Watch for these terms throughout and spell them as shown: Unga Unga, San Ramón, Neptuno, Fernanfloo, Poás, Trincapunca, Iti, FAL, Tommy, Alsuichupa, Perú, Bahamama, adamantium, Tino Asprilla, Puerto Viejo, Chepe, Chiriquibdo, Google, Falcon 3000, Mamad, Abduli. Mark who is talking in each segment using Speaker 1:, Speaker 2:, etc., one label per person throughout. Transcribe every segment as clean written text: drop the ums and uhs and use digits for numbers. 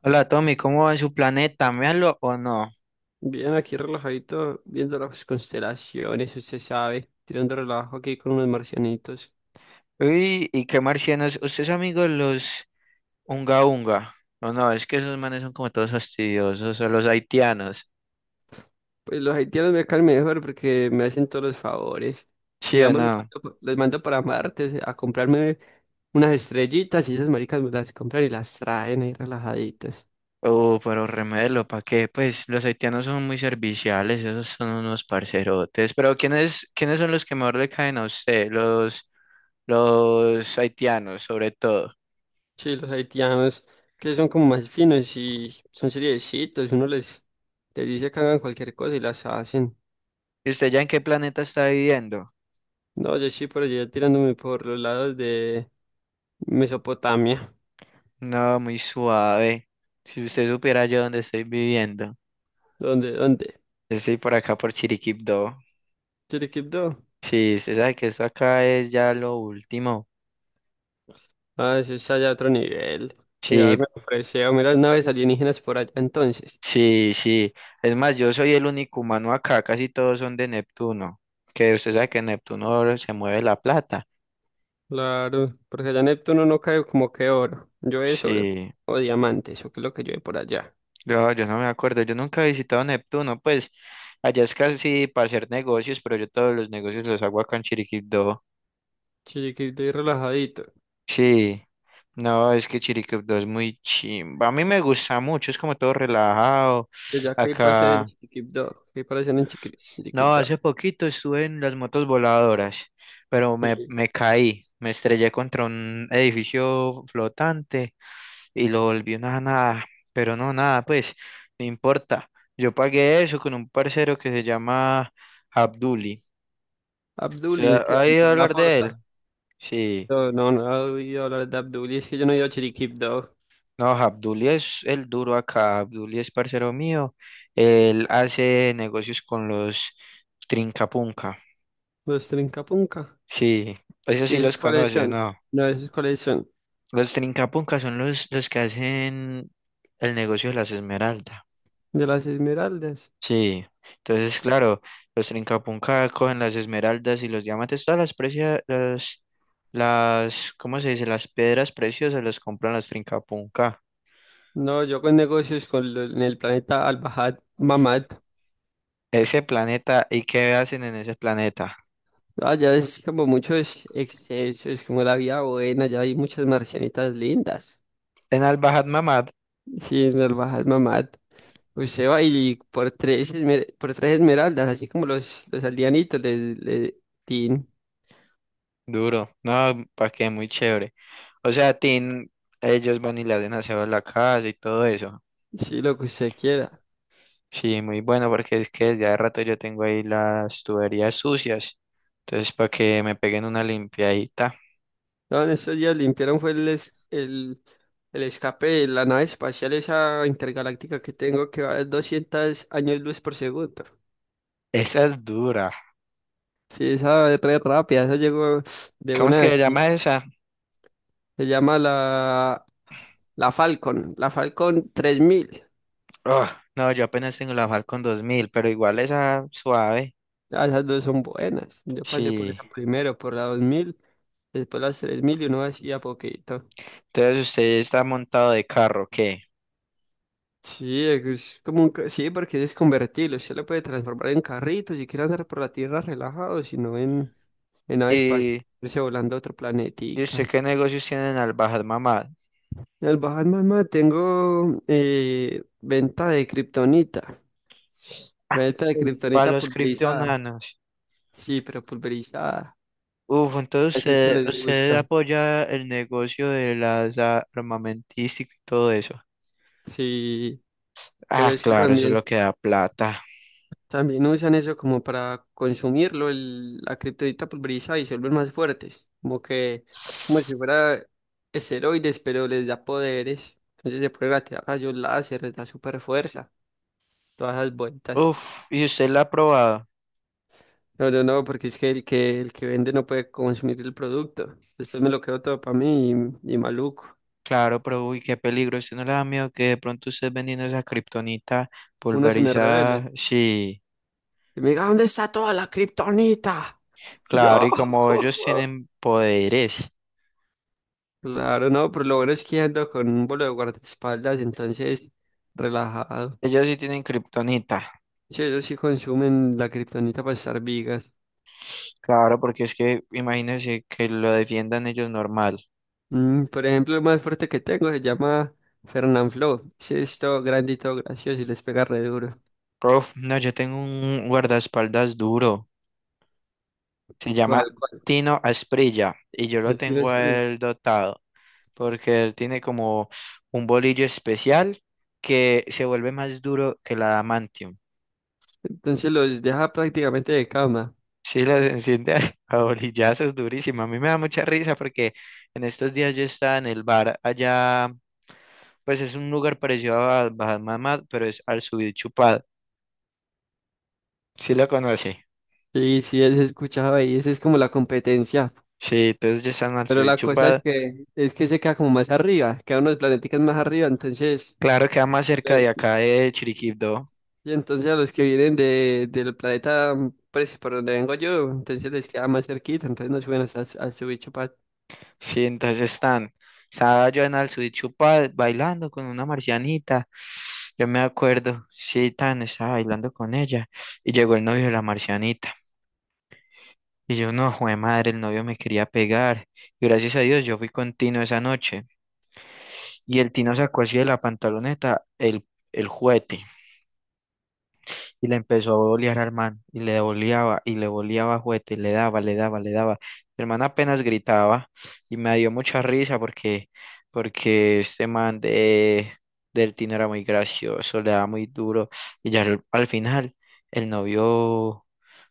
Speaker 1: Hola Tommy, ¿cómo va en su planeta? ¿Méalo o no?
Speaker 2: Bien, aquí relajadito, viendo las constelaciones, usted sabe, tirando relajo aquí con unos marcianitos.
Speaker 1: Uy, ¿y qué marcianos? ¿Usted es amigo de los Unga Unga? ¿O no? Es que esos manes son como todos fastidiosos, o los haitianos.
Speaker 2: Pues los haitianos me caen mejor porque me hacen todos los favores.
Speaker 1: ¿Sí o
Speaker 2: Digamos, les
Speaker 1: no?
Speaker 2: mando, les mando para Marte a comprarme unas estrellitas y esas maricas me las compran y las traen ahí relajaditas.
Speaker 1: Oh, pero remelo, ¿para qué? Pues los haitianos son muy serviciales, esos son unos parcerotes. Pero ¿quiénes son los que mejor le caen a usted? Los haitianos, sobre todo.
Speaker 2: Sí, los haitianos, que son como más finos y son seriecitos, les dice que hagan cualquier cosa y las hacen.
Speaker 1: ¿Y usted ya en qué planeta está viviendo?
Speaker 2: No, yo sí por allá tirándome por los lados de Mesopotamia.
Speaker 1: No, muy suave. Si usted supiera yo dónde estoy viviendo.
Speaker 2: ¿Dónde? ¿Dónde?
Speaker 1: Yo estoy por acá por Chiriquipdo.
Speaker 2: ¿Chiriquipto?
Speaker 1: Sí, usted sabe que eso acá es ya lo último.
Speaker 2: Ah, eso es allá otro nivel. Allá
Speaker 1: Sí,
Speaker 2: me ofreció, mira, las naves alienígenas por allá entonces.
Speaker 1: sí, sí. Es más, yo soy el único humano acá, casi todos son de Neptuno. Que usted sabe que en Neptuno se mueve la plata.
Speaker 2: Claro, porque allá Neptuno no cae como que oro. Yo es oro.
Speaker 1: Sí,
Speaker 2: O diamantes eso que es lo que yo por allá.
Speaker 1: yo no me acuerdo, yo nunca he visitado Neptuno, pues allá es casi para hacer negocios, pero yo todos los negocios los hago acá en Chiriquipdo.
Speaker 2: Chiriquipto y relajadito.
Speaker 1: Sí, no, es que Chiriquipdo es muy chimba. A mí me gusta mucho, es como todo relajado.
Speaker 2: Y allá que hay para hacer en
Speaker 1: Acá.
Speaker 2: Chiriquipto. ¿Qué hay para hacer en
Speaker 1: No,
Speaker 2: Chiriquipto?
Speaker 1: hace poquito estuve en las motos voladoras, pero me,
Speaker 2: Sí.
Speaker 1: me caí, me estrellé contra un edificio flotante y lo volví una nada, pero no, nada, pues, no importa. Yo pagué eso con un parcero que se llama Abduli. ¿Se
Speaker 2: Abduli,
Speaker 1: ha
Speaker 2: ¿qué?
Speaker 1: ha ido a
Speaker 2: La
Speaker 1: hablar de él?
Speaker 2: porta.
Speaker 1: Sí.
Speaker 2: No, no he oído hablar de Abduli, es que yo no he ido a Chiriquipto.
Speaker 1: No, Abduli es el duro acá, Abduli es parcero mío, él hace negocios con los Trincapunca.
Speaker 2: Los Trincapunca.
Speaker 1: Sí, eso sí
Speaker 2: ¿Y
Speaker 1: los
Speaker 2: esos cuáles
Speaker 1: conoce,
Speaker 2: son?
Speaker 1: ¿no?
Speaker 2: No, esos cuáles son.
Speaker 1: Los Trincapunca son los que hacen el negocio de las esmeraldas.
Speaker 2: De las esmeraldas.
Speaker 1: Sí, entonces, claro, los Trincapunca cogen las esmeraldas y los diamantes, todas las precias, ¿cómo se dice? Las piedras preciosas las compran los Trincapunca.
Speaker 2: No, yo con negocios con en el planeta Al-Bahad Mamad.
Speaker 1: Ese planeta, ¿y qué hacen en ese planeta?
Speaker 2: Allá es como muchos excesos, como la vida buena, ya hay muchas marcianitas lindas.
Speaker 1: En al Mamad,
Speaker 2: Sí, en Al-Bahad Mamad. Usted va y por tres, por tres esmeraldas, así como los aldeanitos, le tin,
Speaker 1: duro, no, pa' qué, muy chévere. O sea, Tin, ellos van y le hacen aseo a la casa y todo eso.
Speaker 2: sí, lo que usted quiera.
Speaker 1: Sí, muy bueno, porque es que desde hace rato yo tengo ahí las tuberías sucias. Entonces, para que me peguen una limpiadita.
Speaker 2: No, en estos días limpiaron fue el escape de la nave espacial, esa intergaláctica que tengo, que va a 200 años luz por segundo.
Speaker 1: Esa es dura.
Speaker 2: Sí, esa es re rápida, esa llegó de
Speaker 1: ¿Cómo es
Speaker 2: una de
Speaker 1: que se
Speaker 2: aquí.
Speaker 1: llama esa?
Speaker 2: Se llama la Falcon 3000.
Speaker 1: Oh, no, yo apenas tengo la FAL 2000 pero igual esa suave.
Speaker 2: Ah, esas dos son buenas. Yo pasé por
Speaker 1: Sí.
Speaker 2: esa primero, por la 2000, después las 3000 y uno hacía poquito.
Speaker 1: Entonces, usted está montado de carro, ¿qué?
Speaker 2: Sí, es como un sí, porque es convertible. Usted lo puede transformar en carrito si quiere andar por la tierra relajado, en nave espacial,
Speaker 1: ¿Y
Speaker 2: irse volando a otro
Speaker 1: y usted
Speaker 2: planetica.
Speaker 1: qué negocios tienen al bajar mamá?
Speaker 2: El Bahatma tengo venta de kriptonita. Meta de
Speaker 1: Ay, para
Speaker 2: kriptonita
Speaker 1: los
Speaker 2: pulverizada.
Speaker 1: criptonanos.
Speaker 2: Sí, pero pulverizada.
Speaker 1: Uf, entonces
Speaker 2: Así es que
Speaker 1: usted,
Speaker 2: les
Speaker 1: usted
Speaker 2: gusta.
Speaker 1: apoya el negocio de las armamentísticas y todo eso.
Speaker 2: Sí, pero
Speaker 1: Ah,
Speaker 2: es que
Speaker 1: claro, eso es lo que da plata.
Speaker 2: también usan eso como para consumirlo, la kriptonita pulverizada y se vuelven más fuertes. Como si fuera esteroides, pero les da poderes. Entonces se pueden tirar rayos láser, les da super fuerza. Todas esas vueltas.
Speaker 1: Uf, ¿y usted la ha probado?
Speaker 2: No, porque es que el que vende no puede consumir el producto. Después me lo quedo todo para mí y maluco.
Speaker 1: Claro, pero uy, qué peligro. ¿Usted no le da miedo que de pronto usted vendiendo esa kriptonita
Speaker 2: Uno se me revela.
Speaker 1: pulverizada? Sí,
Speaker 2: Y me diga, ¿dónde está toda la kriptonita? Yo.
Speaker 1: claro, y como ellos tienen poderes,
Speaker 2: Claro, no, pero lo bueno es que ando con un bolo de guardaespaldas, entonces relajado.
Speaker 1: ellos sí tienen kriptonita.
Speaker 2: Sí, ellos sí consumen la kriptonita para estar vigas.
Speaker 1: Claro, porque es que imagínense que lo defiendan ellos normal.
Speaker 2: Mm, por ejemplo, el más fuerte que tengo se llama Fernanfloo. Sí, es todo grande gracioso y les pega re duro.
Speaker 1: Prof, no, yo tengo un guardaespaldas duro. Se
Speaker 2: ¿Cuál,
Speaker 1: llama
Speaker 2: cuál?
Speaker 1: Tino Asprilla y yo lo
Speaker 2: El tiro
Speaker 1: tengo
Speaker 2: es
Speaker 1: a
Speaker 2: por ahí.
Speaker 1: él dotado. Porque él tiene como un bolillo especial que se vuelve más duro que la adamantium.
Speaker 2: Entonces los deja prácticamente de cama.
Speaker 1: Sí, las enciende a a bolillazos durísimo. A mí me da mucha risa porque en estos días yo estaba en el bar allá, pues es un lugar parecido a Bahamama, pero es al subir chupado. Sí lo conoce.
Speaker 2: Sí, sí, es escuchado ahí. Esa es como la competencia.
Speaker 1: Sí, entonces ya están al
Speaker 2: Pero
Speaker 1: subir
Speaker 2: la cosa
Speaker 1: chupado.
Speaker 2: es que se queda como más arriba, queda unos planeticas más arriba,
Speaker 1: Claro, queda más cerca de
Speaker 2: eh,
Speaker 1: acá de Chiriquibdo.
Speaker 2: y entonces a los que vienen del planeta, mm, pues por donde vengo yo, entonces les queda más cerquita, entonces no suben hasta a su bicho pa-
Speaker 1: Sí, entonces están, estaba yo en Alsuichupa bailando con una marcianita, yo me acuerdo, sí, tan, estaba bailando con ella y llegó el novio de la marcianita y yo no, jue madre, el novio me quería pegar y gracias a Dios yo fui con Tino esa noche y el Tino sacó así de la pantaloneta el juguete. Y le empezó a bolear al man, y le boleaba juguete, y le daba, le daba, le daba. El man apenas gritaba, y me dio mucha risa porque este man de, del Tino era muy gracioso, le daba muy duro, y ya al final, el novio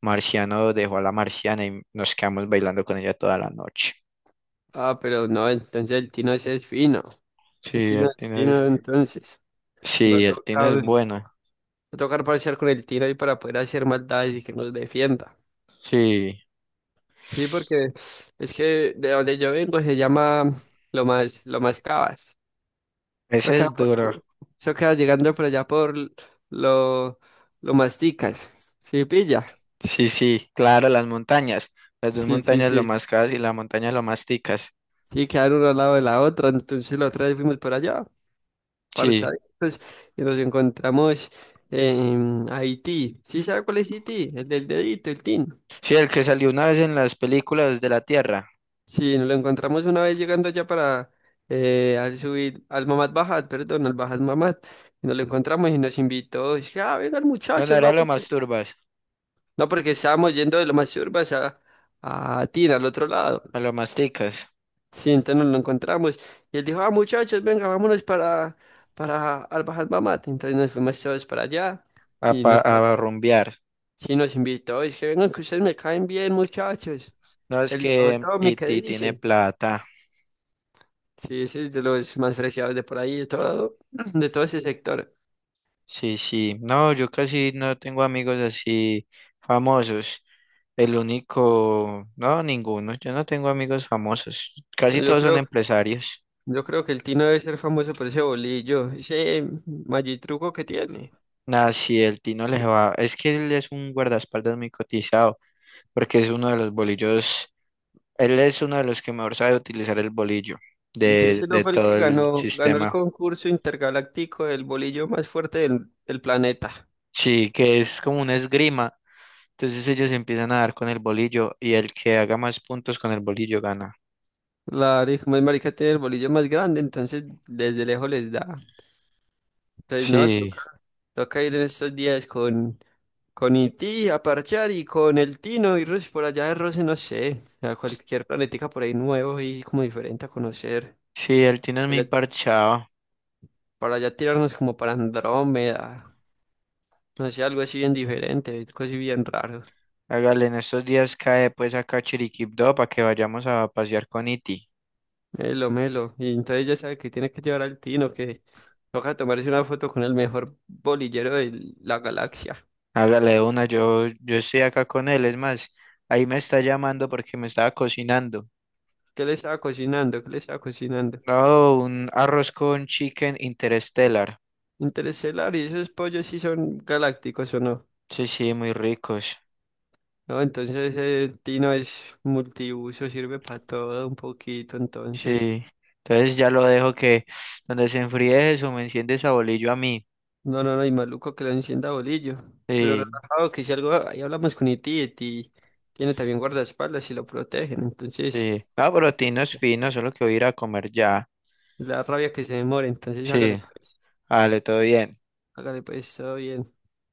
Speaker 1: marciano dejó a la marciana y nos quedamos bailando con ella toda la noche.
Speaker 2: Ah, pero no, entonces el Tino ese es fino,
Speaker 1: Sí,
Speaker 2: el Tino
Speaker 1: el
Speaker 2: es
Speaker 1: Tino es,
Speaker 2: fino, entonces
Speaker 1: sí, el Tino es
Speaker 2: va
Speaker 1: bueno,
Speaker 2: a tocar parciar con el Tino ahí para poder hacer maldades y que nos defienda.
Speaker 1: sí,
Speaker 2: Sí, porque es que de donde yo vengo se llama lo más cabas. Eso
Speaker 1: ese
Speaker 2: queda,
Speaker 1: es duro.
Speaker 2: eso queda llegando por allá por lo, lo masticas. Sí, pilla.
Speaker 1: Sí, sí, claro, las montañas. Las dos
Speaker 2: Sí, sí,
Speaker 1: montañas lo
Speaker 2: sí.
Speaker 1: más cas y la montaña lo más ticas.
Speaker 2: Sí, quedan uno al lado de la otra. Entonces la otra vez fuimos por allá,
Speaker 1: Sí.
Speaker 2: parchaditos, y nos encontramos en Haití. ¿Sí sabe cuál es Haití? El del dedito, el tin.
Speaker 1: Sí, el que salió una vez en las películas de la Tierra.
Speaker 2: Sí, nos lo encontramos una vez llegando allá para al subir al Mamad Bajat, perdón, al Bajat Mamad. Y nos lo encontramos y nos invitó. Dice, ah, vengan
Speaker 1: No, no
Speaker 2: muchachos,
Speaker 1: era lo
Speaker 2: vamos.
Speaker 1: más turbas,
Speaker 2: No, porque estábamos yendo de Lomas Urbas a Tina, al otro lado.
Speaker 1: a lo más ticas,
Speaker 2: Sí, entonces nos lo encontramos. Y él dijo, ah, muchachos, venga, para Albajal Mamate. Entonces nos fuimos todos para allá.
Speaker 1: a,
Speaker 2: Y
Speaker 1: pa-
Speaker 2: nos, par-
Speaker 1: a rumbear.
Speaker 2: sí, nos invitó. Es que vengan, que ustedes me caen bien, muchachos.
Speaker 1: No, es
Speaker 2: El viejo
Speaker 1: que
Speaker 2: Tommy, ¿qué
Speaker 1: Iti tiene
Speaker 2: dice?
Speaker 1: plata.
Speaker 2: Sí, ese es de los más preciados de por ahí, de todo, de todo ese sector.
Speaker 1: Sí, sí. No, yo casi no tengo amigos así famosos. El único, no, ninguno. Yo no tengo amigos famosos. Casi
Speaker 2: Yo
Speaker 1: todos son
Speaker 2: creo,
Speaker 1: empresarios.
Speaker 2: yo creo que el Tino debe ser famoso por ese bolillo, ese magitruco que tiene.
Speaker 1: Nah, sí, el Tino le va. Es que él es un guardaespaldas muy cotizado. Porque es uno de los bolillos, él es uno de los que mejor sabe utilizar el bolillo
Speaker 2: Sí,
Speaker 1: de,
Speaker 2: ese no
Speaker 1: de
Speaker 2: fue el que
Speaker 1: todo el
Speaker 2: ganó, ganó el
Speaker 1: sistema.
Speaker 2: concurso intergaláctico del bolillo más fuerte del planeta.
Speaker 1: Sí, que es como una esgrima. Entonces ellos empiezan a dar con el bolillo y el que haga más puntos con el bolillo gana.
Speaker 2: Como es marica tiene el bolillo más grande, entonces desde lejos les da. Entonces no,
Speaker 1: Sí,
Speaker 2: toca, toca ir en estos días con Iti a parchar y con el Tino y Rus por allá de Rose, no sé, a cualquier planetica por ahí nuevo y como diferente a conocer.
Speaker 1: sí, el Tino es
Speaker 2: Para
Speaker 1: muy
Speaker 2: allá,
Speaker 1: parchado.
Speaker 2: para allá tirarnos como para Andrómeda, no sé, algo así bien diferente, algo así bien raro.
Speaker 1: Hágale, en estos días cae pues acá a Chiriquipó para que vayamos a pasear con Iti.
Speaker 2: Melo, melo. Y entonces ya sabe que tiene que llevar al Tino, que toca tomarse una foto con el mejor bolillero de la galaxia.
Speaker 1: Hágale de una, yo estoy acá con él, es más, ahí me está llamando porque me estaba cocinando.
Speaker 2: ¿Qué le estaba cocinando? ¿Qué le estaba cocinando?
Speaker 1: Oh, un arroz con chicken interstellar.
Speaker 2: Interestelar, ¿y esos pollos sí son galácticos o no?
Speaker 1: Sí, sí, muy ricos.
Speaker 2: No, entonces el Tino es multiuso, sirve para todo un poquito, entonces.
Speaker 1: Sí. Entonces ya lo dejo que donde se enfríe eso, me enciende esa bolillo a mí.
Speaker 2: No, y maluco que lo encienda bolillo. Pero
Speaker 1: Sí,
Speaker 2: relajado, que si algo, ahí hablamos con Iti, Iti tiene también guardaespaldas y lo protegen, entonces...
Speaker 1: sí. Ah, pero Tino es
Speaker 2: ya,
Speaker 1: fino, solo que voy a ir a comer ya.
Speaker 2: la rabia que se demore, entonces hágale
Speaker 1: Sí,
Speaker 2: pues.
Speaker 1: vale, todo bien.
Speaker 2: Hágale pues, todo bien.